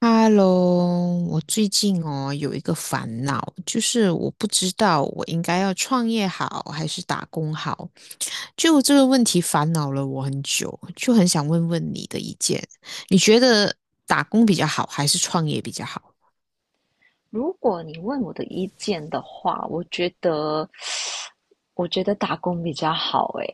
Hello，我最近有一个烦恼，就是我不知道我应该要创业好还是打工好，就这个问题烦恼了我很久，就很想问问你的意见，你觉得打工比较好还是创业比较好？如果你问我的意见的话，我觉得打工比较好诶。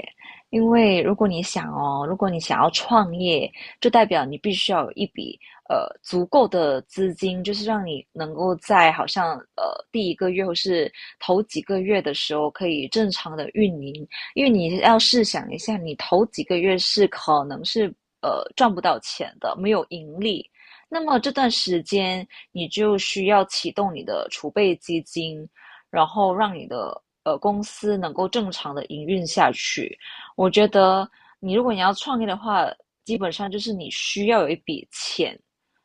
因为如果你想哦，如果你想要创业，就代表你必须要有一笔足够的资金，就是让你能够在好像第一个月或是头几个月的时候可以正常的运营。因为你要试想一下，你头几个月可能是赚不到钱的，没有盈利。那么这段时间，你就需要启动你的储备基金，然后让你的公司能够正常的营运下去。我觉得如果你要创业的话，基本上就是你需要有一笔钱。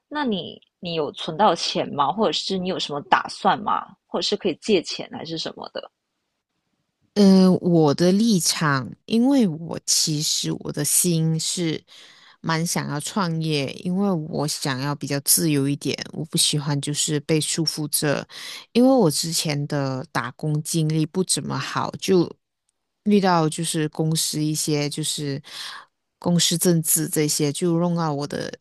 那你有存到钱吗？或者是你有什么打算吗？或者是可以借钱还是什么的？我的立场，因为我其实的心是蛮想要创业，因为我想要比较自由一点，我不喜欢就是被束缚着，因为我之前的打工经历不怎么好，就遇到就是公司一些就是公司政治这些，就弄到我的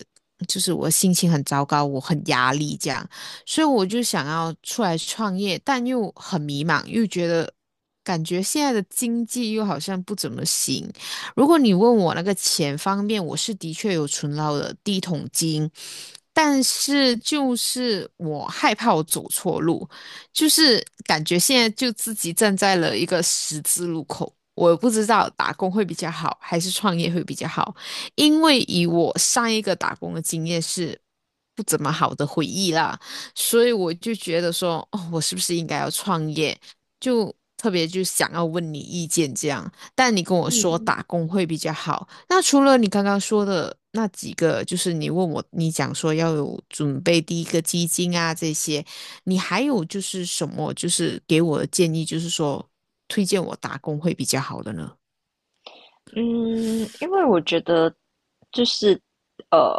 就是我心情很糟糕，我很压力这样。所以我就想要出来创业，但又很迷茫，又觉得感觉现在的经济又好像不怎么行。如果你问我那个钱方面，我是的确有存到的第一桶金，但是就是我害怕我走错路，就是感觉现在就自己站在了一个十字路口。我不知道打工会比较好，还是创业会比较好。因为以我上一个打工的经验是不怎么好的回忆啦，所以我就觉得说，哦，我是不是应该要创业？就特别就想要问你意见这样。但你跟我说嗯打工会比较好。那除了你刚刚说的那几个，就是你问我，你讲说要有准备第一个基金啊这些，你还有就是什么，就是给我的建议，就是说推荐我打工会比较好的呢？嗯。因为我觉得就是，呃，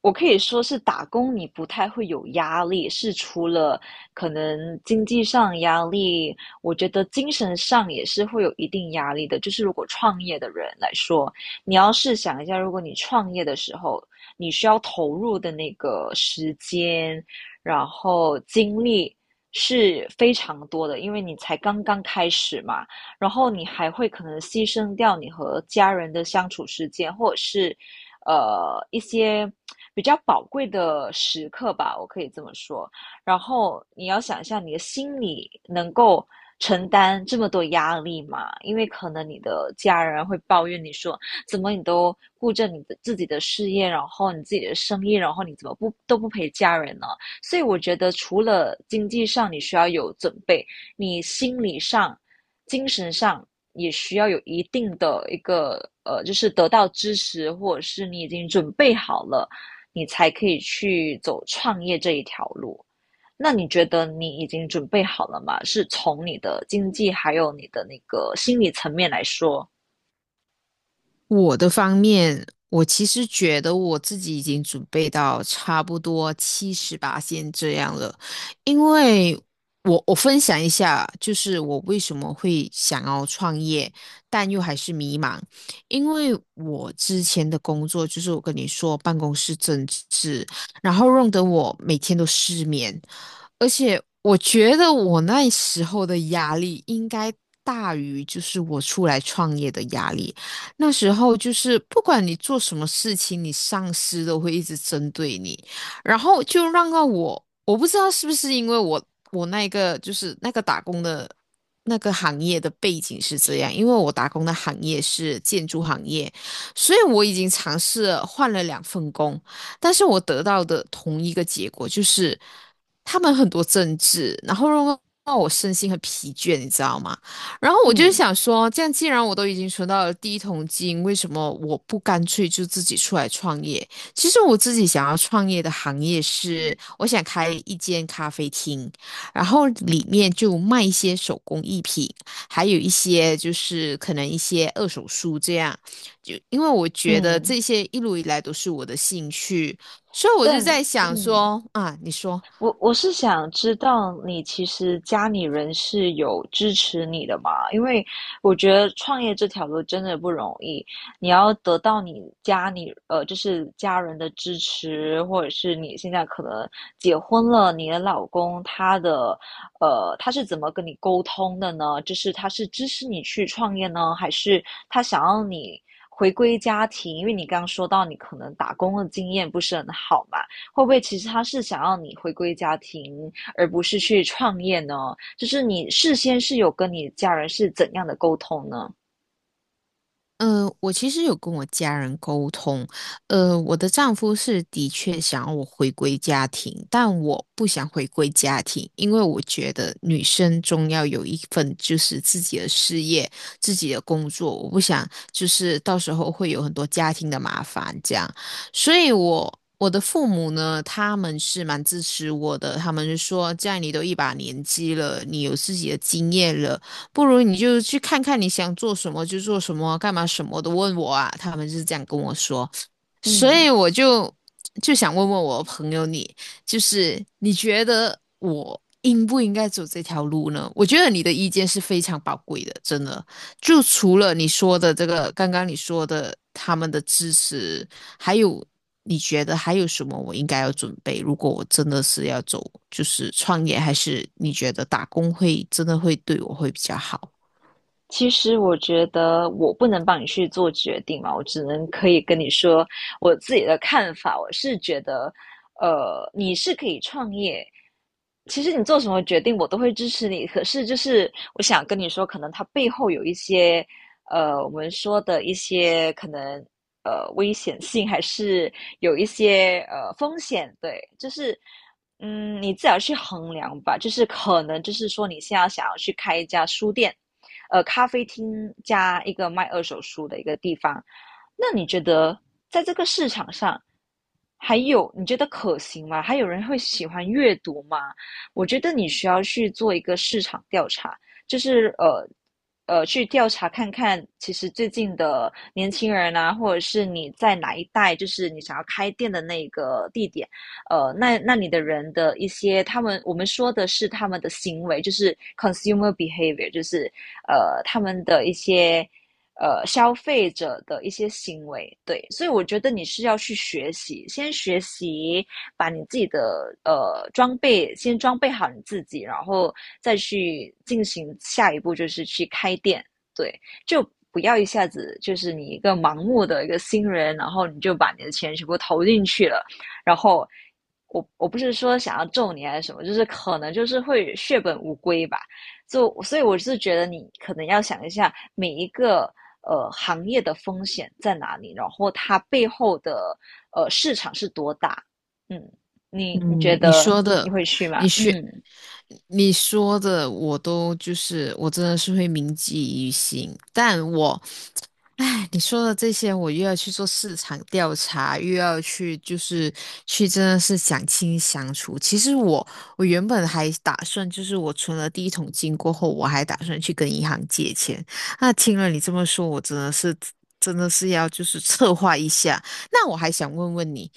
我可以说是打工，你不太会有压力，是除了可能经济上压力，我觉得精神上也是会有一定压力的。就是如果创业的人来说，你要试想一下，如果你创业的时候，你需要投入的那个时间，然后精力是非常多的，因为你才刚刚开始嘛。然后你还会可能牺牲掉你和家人的相处时间，或者是一些比较宝贵的时刻吧，我可以这么说。然后你要想一下，你的心理能够承担这么多压力吗？因为可能你的家人会抱怨你说，怎么你都顾着你的自己的事业，然后你自己的生意，然后你怎么不都不陪家人呢？所以我觉得，除了经济上你需要有准备，你心理上精神上也需要有一定的一个就是得到支持，或者是你已经准备好了，你才可以去走创业这一条路。那你觉得你已经准备好了吗？是从你的经济还有你的那个心理层面来说。我的方面，我其实觉得我自己已经准备到差不多七八线这样了，因为我分享一下，就是我为什么会想要创业，但又还是迷茫，因为我之前的工作就是我跟你说办公室政治，然后弄得我每天都失眠，而且我觉得我那时候的压力应该大于就是我出来创业的压力。那时候就是不管你做什么事情，你上司都会一直针对你，然后就让到我，我不知道是不是因为我那个打工的那个行业的背景是这样，因为我打工的行业是建筑行业，所以我已经尝试了换了2份工，但是我得到的同一个结果就是他们很多政治，然后让我身心很疲倦，你知道吗？然后我就是嗯想说，这样既然我都已经存到了第一桶金，为什么我不干脆就自己出来创业？其实我自己想要创业的行业是，我想开一间咖啡厅，然后里面就卖一些手工艺品，还有一些就是可能一些二手书这样。就因为我觉得嗯，这些一路以来都是我的兴趣，所以我就但在想嗯，说啊，你说。我是想知道你其实家里人是有支持你的嘛？因为我觉得创业这条路真的不容易，你要得到你家里就是家人的支持，或者是你现在可能结婚了，你的老公他的他是怎么跟你沟通的呢？就是他是支持你去创业呢，还是他想要你回归家庭？因为你刚刚说到你可能打工的经验不是很好嘛。会不会其实他是想要你回归家庭，而不是去创业呢？就是你事先是有跟你家人是怎样的沟通呢？我其实有跟我家人沟通，我的丈夫是的确想要我回归家庭，但我不想回归家庭，因为我觉得女生终要有一份就是自己的事业、自己的工作，我不想就是到时候会有很多家庭的麻烦这样，所以我。我的父母呢，他们是蛮支持我的，他们就说，这样你都一把年纪了，你有自己的经验了。不如你就去看看你想做什么就做什么，干嘛什么都问我啊。他们就是这样跟我说，所嗯。以我就就想问问我朋友你，就是你觉得我应不应该走这条路呢？我觉得你的意见是非常宝贵的，真的。就除了你说的这个，刚刚你说的他们的支持，还有，你觉得还有什么我应该要准备？如果我真的是要走，就是创业，还是你觉得打工会真的会对我会比较好？其实我觉得我不能帮你去做决定嘛，我只能可以跟你说我自己的看法。我是觉得，你是可以创业，其实你做什么决定我都会支持你。可是就是我想跟你说，可能它背后有一些，我们说的一些可能危险性，还是有一些风险。对，就是。嗯，你自己要去衡量吧。就是可能，就是说你现在想要去开一家书店，咖啡厅加一个卖二手书的一个地方。那你觉得在这个市场上，还有你觉得可行吗？还有人会喜欢阅读吗？我觉得你需要去做一个市场调查，就是去调查看看，其实最近的年轻人啊，或者是你在哪一带，就是你想要开店的那个地点，那你的人的一些，他们我们说的是他们的行为，就是 consumer behavior,就是他们的一些消费者的一些行为。对，所以我觉得你是要去学习，先学习把你自己的呃装备先装备好你自己，然后再去进行下一步，就是去开店。对，就。不要一下子就是你一个盲目的一个新人，然后你就把你的钱全部投进去了，然后我不是说想要咒你还是什么，就是可能就是会血本无归吧。就所以我是觉得你可能要想一下每一个行业的风险在哪里，然后它背后的市场是多大。嗯，你觉嗯，你得说你的，会去吗？你学，嗯，你说的，我都就是我真的是会铭记于心，但我哎，你说的这些，我又要去做市场调查，又要去就是去真的是想清想楚。其实我原本还打算，就是我存了第一桶金过后，我还打算去跟银行借钱。那听了你这么说，我真的是要就是策划一下。那我还想问问你，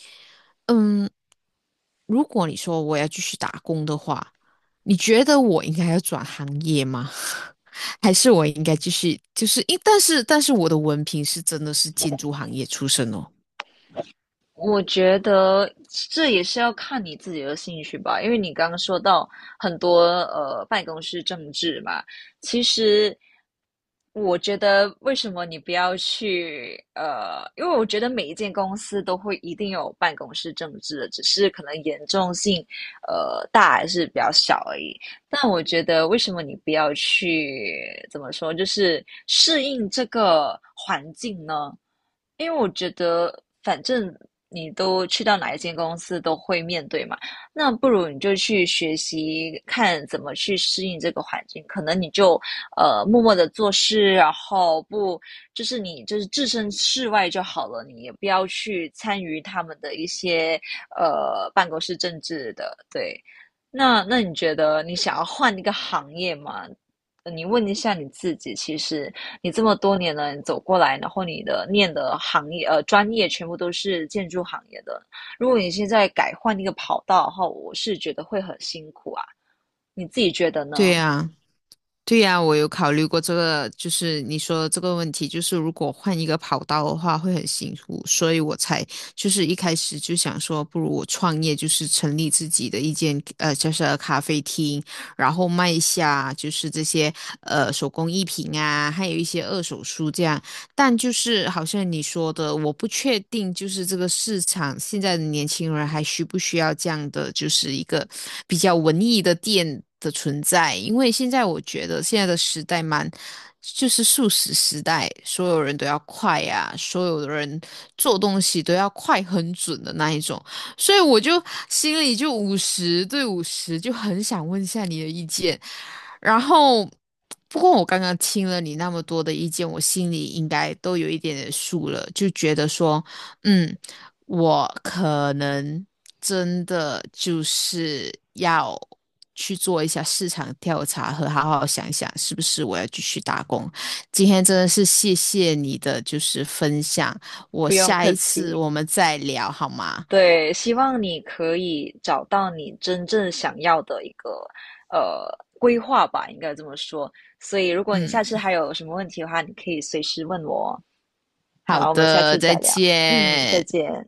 嗯，如果你说我要继续打工的话，你觉得我应该要转行业吗？还是我应该继续，就是因，但是我的文凭是真的是建筑行业出身哦。我觉得这也是要看你自己的兴趣吧。因为你刚刚说到很多办公室政治嘛，其实我觉得为什么你不要去？呃，因为我觉得每一间公司都会一定有办公室政治的，只是可能严重性大还是比较小而已。但我觉得为什么你不要去怎么说，就是适应这个环境呢？因为我觉得反正你都去到哪一间公司都会面对嘛，那不如你就去学习看怎么去适应这个环境。可能你就默默的做事，然后不就是你就是置身事外就好了，你也不要去参与他们的一些办公室政治的。对，那你觉得你想要换一个行业吗？你问一下你自己，其实你这么多年了，你走过来，然后你的念的行业专业全部都是建筑行业的，如果你现在改换一个跑道的话，我是觉得会很辛苦啊。你自己觉得对呢？呀，对呀，我有考虑过这个，就是你说的这个问题，就是如果换一个跑道的话会很辛苦，所以我才就是一开始就想说，不如我创业，就是成立自己的一间就是咖啡厅。然后卖一下就是这些手工艺品啊，还有一些二手书这样。但就是好像你说的，我不确定，就是这个市场现在的年轻人还需不需要这样的，就是一个比较文艺的店的存在。因为现在我觉得现在的时代蛮，就是速食时代，所有人都要快呀、所有的人做东西都要快很准的那一种。所以我就心里就50对50，就很想问一下你的意见。然后，不过我刚刚听了你那么多的意见，我心里应该都有一点点数了，就觉得说，嗯，我可能真的就是要去做一下市场调查和好好想想，是不是我要继续打工。今天真的是谢谢你的就是分享，我不用下客一次气。我们再聊好吗？对，希望你可以找到你真正想要的一个呃规划吧，应该这么说。所以，如果你下嗯。次还有什么问题的话，你可以随时问我哦。好好，我们下的，次再再聊。嗯，再见。见。